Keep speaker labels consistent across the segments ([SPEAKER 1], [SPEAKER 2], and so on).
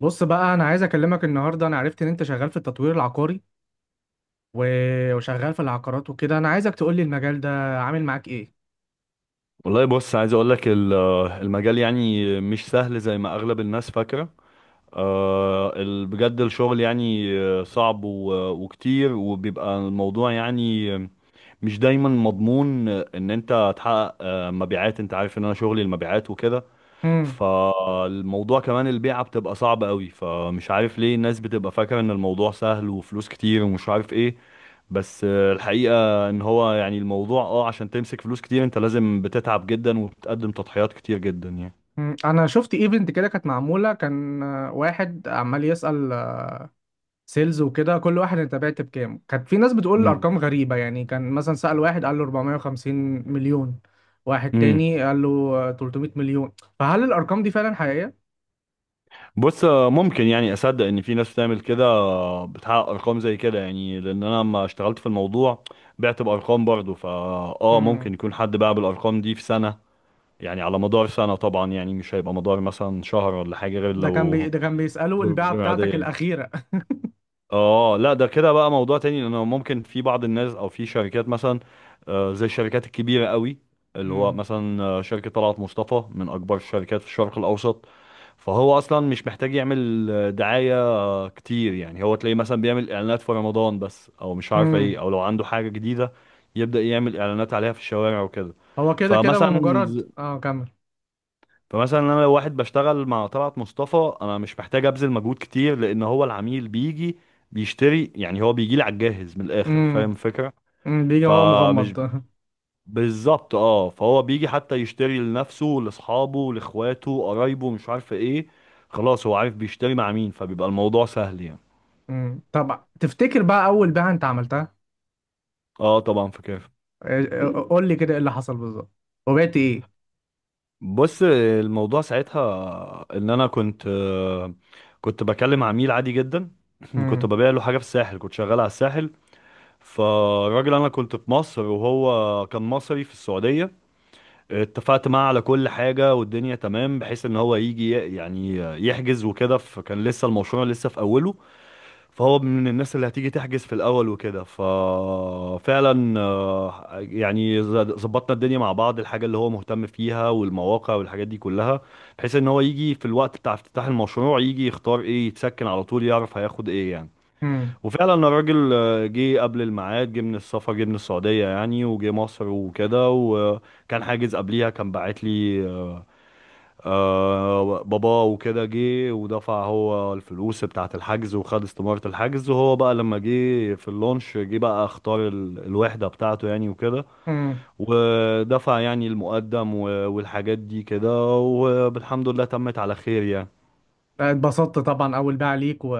[SPEAKER 1] بص بقى انا عايز اكلمك النهارده. انا عرفت ان انت شغال في التطوير العقاري و- وشغال في العقارات وكده. انا عايزك تقول لي المجال ده عامل معاك ايه؟
[SPEAKER 2] والله، بص، عايز اقول لك المجال يعني مش سهل زي ما اغلب الناس فاكره. بجد الشغل يعني، صعب و- وكتير، وبيبقى الموضوع يعني مش دايما مضمون ان انت تحقق مبيعات. انت عارف ان انا شغلي المبيعات وكده.
[SPEAKER 1] امم.
[SPEAKER 2] فالموضوع كمان البيعة بتبقى صعبة قوي. فمش عارف ليه الناس بتبقى فاكرة ان الموضوع سهل وفلوس كتير ومش عارف ايه. بس الحقيقة ان هو يعني الموضوع عشان تمسك فلوس كتير، انت لازم بتتعب جدا وبتقدم تضحيات كتير جدا يعني.
[SPEAKER 1] انا شفت ايفنت كده كانت معموله، كان واحد عمال يسأل سيلز وكده، كل واحد انت بعت بكام. كانت في ناس بتقول
[SPEAKER 2] امم.
[SPEAKER 1] ارقام غريبه، يعني كان مثلا سأل واحد قال له 450 مليون، واحد
[SPEAKER 2] امم.
[SPEAKER 1] تاني قال له 300 مليون. فهل الارقام دي فعلا حقيقيه؟
[SPEAKER 2] بص، ممكن يعني اصدق ان في ناس بتعمل كده، بتحقق ارقام زي كده، يعني لان انا لما اشتغلت في الموضوع بعت بارقام برضه. فا اه
[SPEAKER 1] امم.
[SPEAKER 2] ممكن يكون حد باع بالارقام دي في سنة، يعني على مدار سنة طبعا، يعني مش هيبقى مدار مثلا شهر ولا حاجة غير لو
[SPEAKER 1] ده كان بيسأله
[SPEAKER 2] ظروف
[SPEAKER 1] البيعه
[SPEAKER 2] غير عادية
[SPEAKER 1] بتاعتك
[SPEAKER 2] يعني.
[SPEAKER 1] الاخيره؟
[SPEAKER 2] اه، لا، ده كده بقى موضوع تاني، لانه ممكن في بعض الناس او في شركات مثلا زي الشركات الكبيره قوي، اللي هو مثلا شركه طلعت مصطفى، من اكبر الشركات في الشرق الاوسط. فهو اصلا مش محتاج يعمل دعايه كتير، يعني هو تلاقيه مثلا بيعمل اعلانات في رمضان بس، او مش عارف
[SPEAKER 1] امم.
[SPEAKER 2] ايه، او لو عنده حاجه جديده يبدا يعمل اعلانات عليها في الشوارع وكده.
[SPEAKER 1] هو كده كده
[SPEAKER 2] فمثلا
[SPEAKER 1] بمجرد كمل.
[SPEAKER 2] فمثلا انا لو واحد بشتغل مع طلعت مصطفى، انا مش محتاج ابذل مجهود كتير، لان هو العميل بيجي بيشتري. يعني هو بيجي لي على الجاهز، من الاخر
[SPEAKER 1] امم.
[SPEAKER 2] فاهم الفكره.
[SPEAKER 1] بيجي وهو
[SPEAKER 2] فمش
[SPEAKER 1] مغمض
[SPEAKER 2] بالظبط، اه، فهو بيجي حتى يشتري لنفسه، لاصحابه، لاخواته، قرايبه، مش عارف ايه. خلاص هو عارف بيشتري مع مين، فبيبقى الموضوع سهل يعني.
[SPEAKER 1] امم. طب تفتكر بقى اول بيعه انت عملتها؟
[SPEAKER 2] اه، طبعا فاكر.
[SPEAKER 1] قول لي كده ايه اللي حصل بالظبط، وبعت ايه؟
[SPEAKER 2] بص، الموضوع ساعتها ان انا كنت بكلم عميل عادي جدا. كنت
[SPEAKER 1] امم.
[SPEAKER 2] ببيع له حاجه في الساحل، كنت شغال على الساحل. فالراجل، انا كنت في مصر وهو كان مصري في السعودية. اتفقت معاه على كل حاجة والدنيا تمام، بحيث ان هو يجي يعني يحجز وكده. فكان لسه المشروع لسه في اوله، فهو من الناس اللي هتيجي تحجز في الاول وكده. ففعلا يعني ظبطنا الدنيا مع بعض، الحاجة اللي هو مهتم فيها والمواقع والحاجات دي كلها، بحيث ان هو يجي في الوقت بتاع افتتاح المشروع، يجي يختار ايه، يتسكن على طول، يعرف هياخد ايه يعني.
[SPEAKER 1] امم.
[SPEAKER 2] وفعلا الراجل جه قبل الميعاد، جه من السفر، جه من السعودية يعني، وجه مصر وكده، وكان حاجز قبليها، كان باعت لي بابا وكده، جه ودفع هو الفلوس بتاعة الحجز وخد استمارة الحجز. وهو بقى لما جه في اللونش، جه بقى اختار الوحدة بتاعته يعني وكده،
[SPEAKER 1] امم.
[SPEAKER 2] ودفع يعني المقدم و- والحاجات دي كده، والحمد لله تمت على خير يعني.
[SPEAKER 1] اتبسطت طبعا، اول بيعه ليك.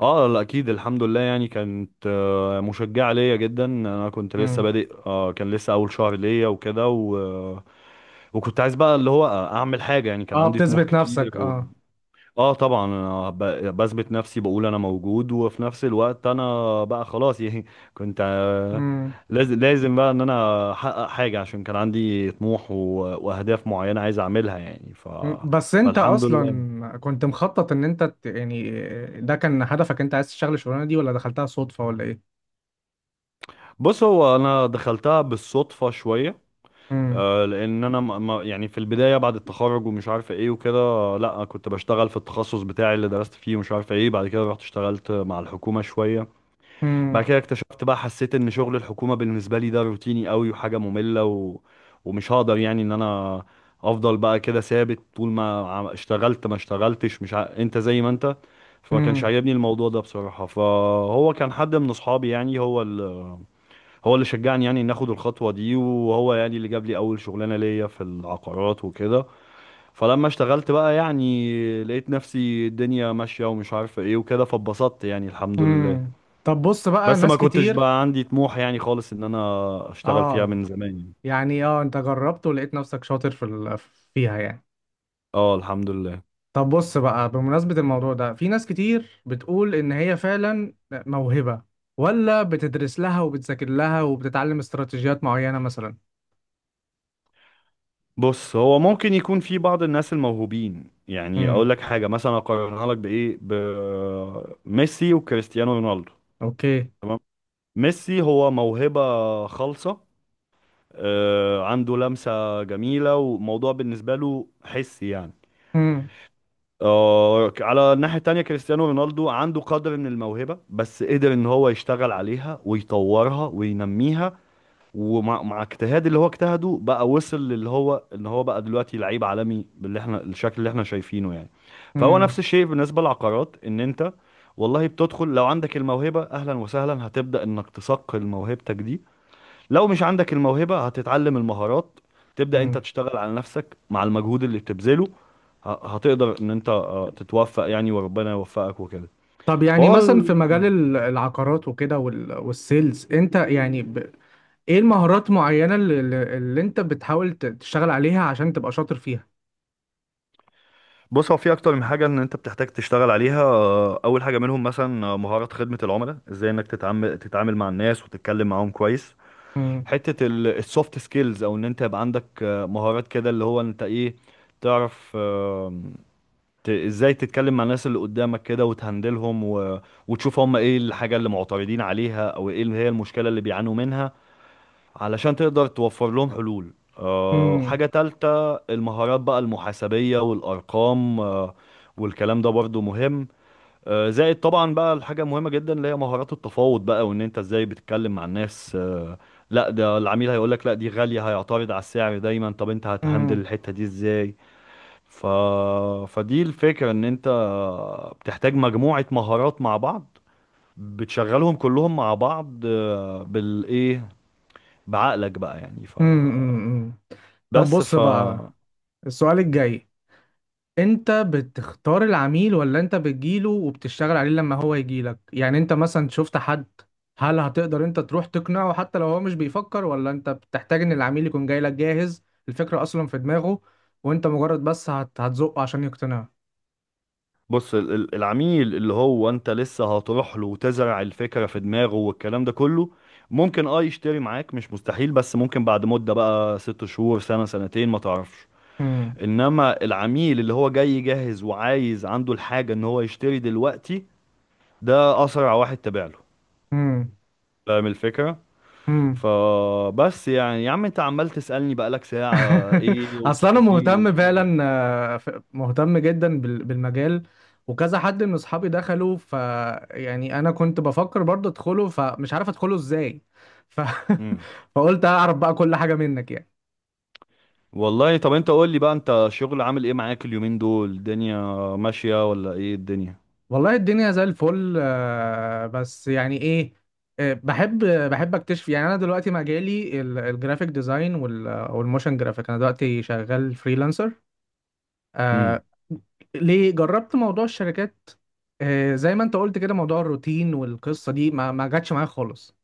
[SPEAKER 2] اه، لا، اكيد الحمد لله، يعني كانت مشجعه ليا جدا. انا كنت لسه
[SPEAKER 1] امم.
[SPEAKER 2] بادئ، كان لسه اول شهر ليا وكده وكنت عايز بقى اللي هو اعمل حاجه يعني، كان
[SPEAKER 1] اه،
[SPEAKER 2] عندي طموح
[SPEAKER 1] بتثبت نفسك،
[SPEAKER 2] كتير
[SPEAKER 1] اه.
[SPEAKER 2] اه، طبعا انا بثبت نفسي، بقول انا موجود، وفي نفس الوقت انا بقى خلاص يعني، كنت،
[SPEAKER 1] امم.
[SPEAKER 2] لازم لازم بقى ان انا احقق حاجه، عشان كان عندي طموح و... واهداف معينه عايز اعملها يعني.
[SPEAKER 1] أمم. بس انت
[SPEAKER 2] فالحمد لله.
[SPEAKER 1] اصلا كنت مخطط ان انت يعني ده كان هدفك، انت عايز تشتغل الشغلانه دي، ولا دخلتها صدفه، ولا ايه؟
[SPEAKER 2] بص، هو انا دخلتها بالصدفه شويه.
[SPEAKER 1] امم.
[SPEAKER 2] لان انا يعني في البدايه بعد التخرج ومش عارف ايه وكده، لا كنت بشتغل في التخصص بتاعي اللي درست فيه، ومش عارف ايه، بعد كده رحت اشتغلت مع الحكومه شويه. بعد
[SPEAKER 1] امم.
[SPEAKER 2] كده اكتشفت بقى، حسيت ان شغل الحكومه بالنسبه لي ده روتيني قوي وحاجه ممله ومش هقدر يعني ان انا افضل بقى كده ثابت. طول ما اشتغلت ما اشتغلتش، مش ع... انت زي ما انت. فما كانش
[SPEAKER 1] امم.
[SPEAKER 2] عاجبني الموضوع ده بصراحه. فهو كان حد من اصحابي يعني، هو اللي شجعني يعني ان اخد الخطوه دي، وهو يعني اللي جاب لي اول شغلانه ليا في العقارات وكده. فلما اشتغلت بقى، يعني لقيت نفسي الدنيا ماشيه ومش عارفه ايه وكده، فاتبسطت يعني الحمد لله.
[SPEAKER 1] امم. طب بص بقى،
[SPEAKER 2] بس
[SPEAKER 1] ناس
[SPEAKER 2] ما كنتش
[SPEAKER 1] كتير.
[SPEAKER 2] بقى عندي طموح يعني خالص ان انا اشتغل فيها
[SPEAKER 1] اه،
[SPEAKER 2] من زمان يعني.
[SPEAKER 1] يعني انت جربت ولقيت نفسك شاطر في فيها يعني.
[SPEAKER 2] اه، الحمد لله.
[SPEAKER 1] طب بص بقى، بمناسبة الموضوع ده، في ناس كتير بتقول ان هي فعلا موهبة، ولا بتدرس لها وبتذاكر لها وبتتعلم استراتيجيات معينة مثلا؟
[SPEAKER 2] بص، هو ممكن يكون في بعض الناس الموهوبين، يعني اقول
[SPEAKER 1] امم.
[SPEAKER 2] لك حاجه مثلا، اقارنها لك بايه، بميسي وكريستيانو رونالدو.
[SPEAKER 1] اوكي.
[SPEAKER 2] تمام. ميسي هو موهبه خالصه، عنده لمسة جميلة وموضوع بالنسبة له حسي يعني.
[SPEAKER 1] امم.
[SPEAKER 2] على الناحية التانية، كريستيانو رونالدو عنده قدر من الموهبة، بس قدر ان هو يشتغل عليها ويطورها وينميها، ومع اجتهاد اللي هو اجتهده بقى، وصل للي هو ان هو بقى دلوقتي لعيب عالمي، باللي احنا الشكل اللي احنا شايفينه يعني. فهو نفس
[SPEAKER 1] امم.
[SPEAKER 2] الشيء بالنسبة للعقارات، ان انت والله بتدخل، لو عندك الموهبة اهلا وسهلا، هتبدأ انك تصقل موهبتك دي. لو مش عندك الموهبة هتتعلم المهارات، تبدأ
[SPEAKER 1] امم.
[SPEAKER 2] انت تشتغل على نفسك مع المجهود اللي بتبذله، ه- هتقدر ان انت تتوفق يعني، وربنا يوفقك وكده.
[SPEAKER 1] طب يعني
[SPEAKER 2] فهو
[SPEAKER 1] مثلا في
[SPEAKER 2] ال-
[SPEAKER 1] مجال العقارات وكده والسيلز انت يعني ايه المهارات معينة اللي انت بتحاول تشتغل عليها عشان تبقى شاطر فيها؟
[SPEAKER 2] بص، هو في اكتر من حاجة ان انت بتحتاج تشتغل عليها. اول حاجة منهم مثلا مهارة خدمة العملاء، ازاي انك تتعامل مع الناس وتتكلم معاهم كويس.
[SPEAKER 1] امم
[SPEAKER 2] حتة السوفت سكيلز، او ان انت يبقى عندك مهارات كده، اللي هو انت ايه، تعرف ازاي تتكلم مع الناس اللي قدامك كده، وتهندلهم وتشوف هم ايه الحاجة اللي معترضين عليها، او ايه اللي هي المشكلة اللي بيعانوا منها، علشان تقدر توفر لهم حلول.
[SPEAKER 1] امم.
[SPEAKER 2] حاجة تالتة، المهارات بقى المحاسبية والأرقام. والكلام ده برضو مهم. زائد طبعا بقى الحاجة المهمة جدا اللي هي مهارات التفاوض بقى، وان انت ازاي بتتكلم مع الناس. لا، ده العميل هيقولك لا دي غالية، هيعترض على السعر دايما، طب انت هتهندل
[SPEAKER 1] امم.
[SPEAKER 2] الحتة دي ازاي؟ ف... فدي الفكرة، ان انت بتحتاج مجموعة مهارات مع بعض، بتشغلهم كلهم مع بعض، بالايه، بعقلك بقى يعني.
[SPEAKER 1] امم. طب
[SPEAKER 2] بس
[SPEAKER 1] بص بقى، السؤال الجاي: انت بتختار العميل، ولا انت بتجيله وبتشتغل عليه لما هو يجيلك؟ يعني انت مثلا شفت حد، هل هتقدر انت تروح تقنعه حتى لو هو مش بيفكر، ولا انت بتحتاج ان العميل يكون جاي لك جاهز، الفكرة اصلا في دماغه، وانت مجرد بس هتزقه عشان يقتنع؟
[SPEAKER 2] بص، العميل اللي هو انت لسه هتروح له وتزرع الفكرة في دماغه والكلام ده كله، ممكن يشتري معاك، مش مستحيل، بس ممكن بعد مدة، بقى 6 شهور، سنة، سنتين، ما تعرفش.
[SPEAKER 1] امم.
[SPEAKER 2] انما العميل اللي هو جاي جاهز وعايز، عنده الحاجة ان هو يشتري دلوقتي، ده اسرع واحد تابع له،
[SPEAKER 1] امم.
[SPEAKER 2] فاهم الفكرة.
[SPEAKER 1] امم.
[SPEAKER 2] فبس يعني يا عم، انت عمال تسألني بقالك ساعة، ايه
[SPEAKER 1] اصل انا
[SPEAKER 2] والتفاصيل
[SPEAKER 1] مهتم
[SPEAKER 2] وايه.
[SPEAKER 1] فعلا، مهتم جدا بالمجال، وكذا حد من اصحابي دخلوا ف، يعني انا كنت بفكر برضه ادخله، فمش عارف ادخله ازاي ف...
[SPEAKER 2] مم.
[SPEAKER 1] فقلت اعرف بقى كل حاجة منك يعني.
[SPEAKER 2] والله، طب انت قول لي بقى، انت شغل عامل ايه معاك اليومين دول؟ الدنيا ماشية ولا ايه الدنيا؟
[SPEAKER 1] والله الدنيا زي الفل، بس يعني ايه، بحب اكتشف. يعني انا دلوقتي مجالي الجرافيك ديزاين والموشن جرافيك، انا دلوقتي شغال فريلانسر.
[SPEAKER 2] امم.
[SPEAKER 1] آه ليه جربت موضوع الشركات؟ آه، زي ما انت قلت كده، موضوع الروتين والقصه دي ما جاتش معايا خالص.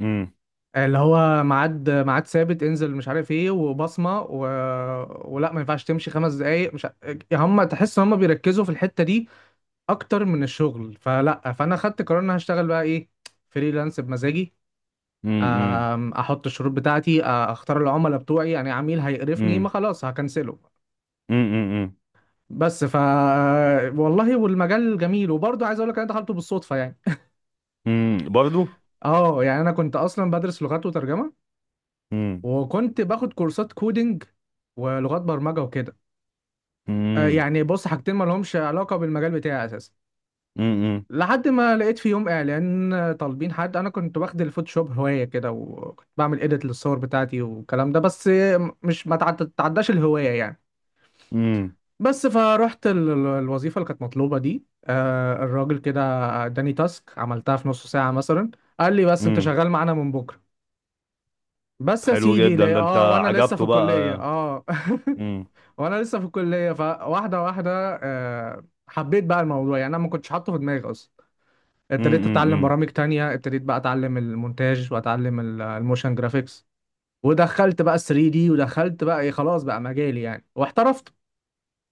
[SPEAKER 2] امم.
[SPEAKER 1] اللي هو ميعاد ميعاد ثابت، انزل مش عارف ايه وبصمه ولا ما ينفعش تمشي خمس دقايق مش ع- هم تحس ان هم بيركزوا في الحته دي اكتر من الشغل، فلا. فانا خدت قرار ان أنا هشتغل بقى ايه: فريلانس بمزاجي.
[SPEAKER 2] امم.
[SPEAKER 1] احط الشروط بتاعتي، اختار العملاء بتوعي، يعني عميل هيقرفني ما
[SPEAKER 2] امم.
[SPEAKER 1] خلاص هكنسله.
[SPEAKER 2] امم.
[SPEAKER 1] بس والله، والمجال جميل، وبرضه عايز اقول لك انا دخلته بالصدفه يعني.
[SPEAKER 2] امم، برضو.
[SPEAKER 1] اه، يعني انا كنت اصلا بدرس لغات وترجمه،
[SPEAKER 2] امم.
[SPEAKER 1] وكنت باخد كورسات كودينج ولغات برمجه وكده.
[SPEAKER 2] امم.
[SPEAKER 1] يعني بص، حاجتين ما لهمش علاقه بالمجال بتاعي اساسا.
[SPEAKER 2] امم.
[SPEAKER 1] لحد ما لقيت في يوم اعلان طالبين حد، انا كنت واخد الفوتوشوب هوايه كده، وكنت بعمل اديت للصور بتاعتي والكلام ده بس، مش ما تعد- تعداش الهوايه يعني.
[SPEAKER 2] امم.
[SPEAKER 1] بس فروحت الوظيفة اللي كانت مطلوبة دي، الراجل كده اداني تاسك عملتها في نص ساعة مثلا، قال لي: بس انت
[SPEAKER 2] امم.
[SPEAKER 1] شغال معانا من بكرة. بس يا
[SPEAKER 2] حلو
[SPEAKER 1] سيدي،
[SPEAKER 2] جدا،
[SPEAKER 1] لا،
[SPEAKER 2] ده انت
[SPEAKER 1] اه، وانا لسه في
[SPEAKER 2] عجبته بقى؟
[SPEAKER 1] الكلية، اه.
[SPEAKER 2] امم.
[SPEAKER 1] وانا لسه في الكلية، فواحدة واحدة حبيت بقى الموضوع. يعني انا ما كنتش حاطه في دماغي اصلا. ابتديت اتعلم
[SPEAKER 2] امم.
[SPEAKER 1] برامج تانية، ابتديت بقى اتعلم المونتاج واتعلم الموشن جرافيكس. ودخلت بقى 3D، ودخلت بقى، خلاص بقى مجالي يعني، واحترفت.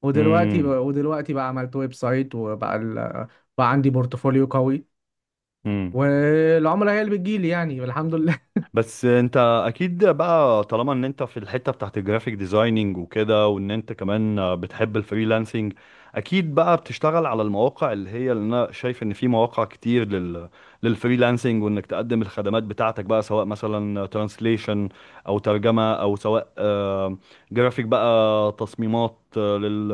[SPEAKER 1] ودلوقتي بقى عملت ويب سايت، وبقى بقى عندي بورتفوليو قوي،
[SPEAKER 2] امم.
[SPEAKER 1] والعملاء هي اللي بتجيلي يعني، الحمد لله.
[SPEAKER 2] بس انت اكيد بقى، طالما ان انت في الحتة بتاعت الجرافيك ديزايننج وكده، وان انت كمان بتحب الفريلانسنج، اكيد بقى بتشتغل على المواقع، اللي هي اللي انا شايف ان في مواقع كتير للفريلانسنج، وانك تقدم الخدمات بتاعتك بقى، سواء مثلا ترانسليشن او ترجمة، او سواء جرافيك بقى، تصميمات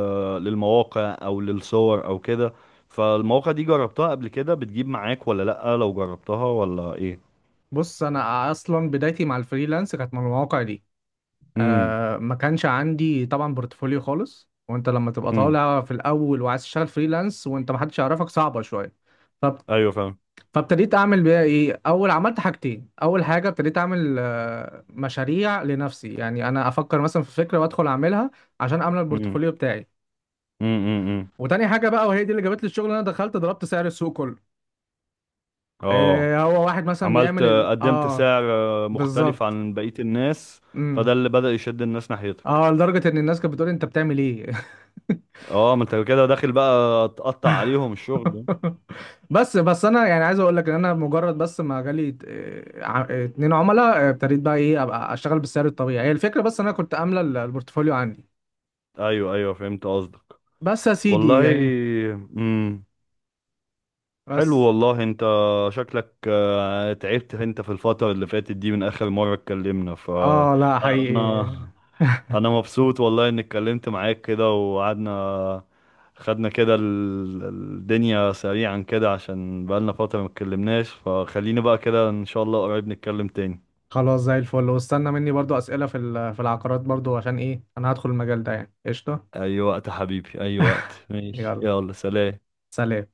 [SPEAKER 2] للمواقع او للصور او كده. فالمواقع دي جربتها قبل كده بتجيب معاك ولا لأ؟ لو جربتها ولا ايه؟
[SPEAKER 1] بص، انا اصلا بدايتي مع الفريلانس كانت من المواقع دي. ما كانش عندي طبعا بورتفوليو خالص، وانت لما تبقى
[SPEAKER 2] امم.
[SPEAKER 1] طالع في الاول وعايز تشتغل فريلانس وانت ما حدش يعرفك، صعبه شويه. فب...
[SPEAKER 2] ايوه، فاهم.
[SPEAKER 1] فابتديت اعمل بقى ايه: اول عملت حاجتين، اول حاجه ابتديت اعمل مشاريع لنفسي، يعني انا افكر مثلا في فكره وادخل اعملها عشان اعمل
[SPEAKER 2] امم.
[SPEAKER 1] البورتفوليو بتاعي.
[SPEAKER 2] امم. امم. امم.
[SPEAKER 1] وتاني حاجه بقى، وهي دي اللي جابت لي الشغل: انا دخلت ضربت سعر السوق كله.
[SPEAKER 2] اه،
[SPEAKER 1] إيه، هو واحد مثلا
[SPEAKER 2] عملت،
[SPEAKER 1] بيعمل ال...
[SPEAKER 2] قدمت
[SPEAKER 1] اه
[SPEAKER 2] سعر مختلف
[SPEAKER 1] بالظبط.
[SPEAKER 2] عن بقية الناس. فده
[SPEAKER 1] امم.
[SPEAKER 2] اللي بدأ يشد الناس ناحيتك.
[SPEAKER 1] اه، لدرجه ان الناس كانت بتقول انت بتعمل ايه؟
[SPEAKER 2] اه، ما انت كده داخل بقى تقطع عليهم الشغل.
[SPEAKER 1] بس بس انا يعني عايز اقول لك ان انا مجرد بس، ما جالي اتنين عملاء، ابتديت بقى ايه، ابقى اشتغل بالسعر الطبيعي. هي الفكره بس، إن انا كنت املى البورتفوليو عندي.
[SPEAKER 2] ايوه، ايوه، فهمت قصدك.
[SPEAKER 1] بس يا سيدي
[SPEAKER 2] والله.
[SPEAKER 1] يعني.
[SPEAKER 2] امم. حلو
[SPEAKER 1] بس.
[SPEAKER 2] والله، انت شكلك تعبت انت في الفترة اللي فاتت دي من اخر مرة اتكلمنا.
[SPEAKER 1] اه، لا، حقيقي.
[SPEAKER 2] فانا مبسوط والله اني اتكلمت معاك كده وقعدنا، خدنا كده الدنيا سريعا كده، عشان بقالنا فترة ما اتكلمناش. فخليني بقى كده ان شاء الله قريب نتكلم تاني.
[SPEAKER 1] خلاص زي الفل، واستنى مني برضو اسئله في في العقارات برضو، عشان ايه، انا هدخل المجال ده يعني، قشطه.
[SPEAKER 2] اي وقت يا حبيبي، اي وقت. ماشي،
[SPEAKER 1] يلا
[SPEAKER 2] يلا، سلام.
[SPEAKER 1] سلام.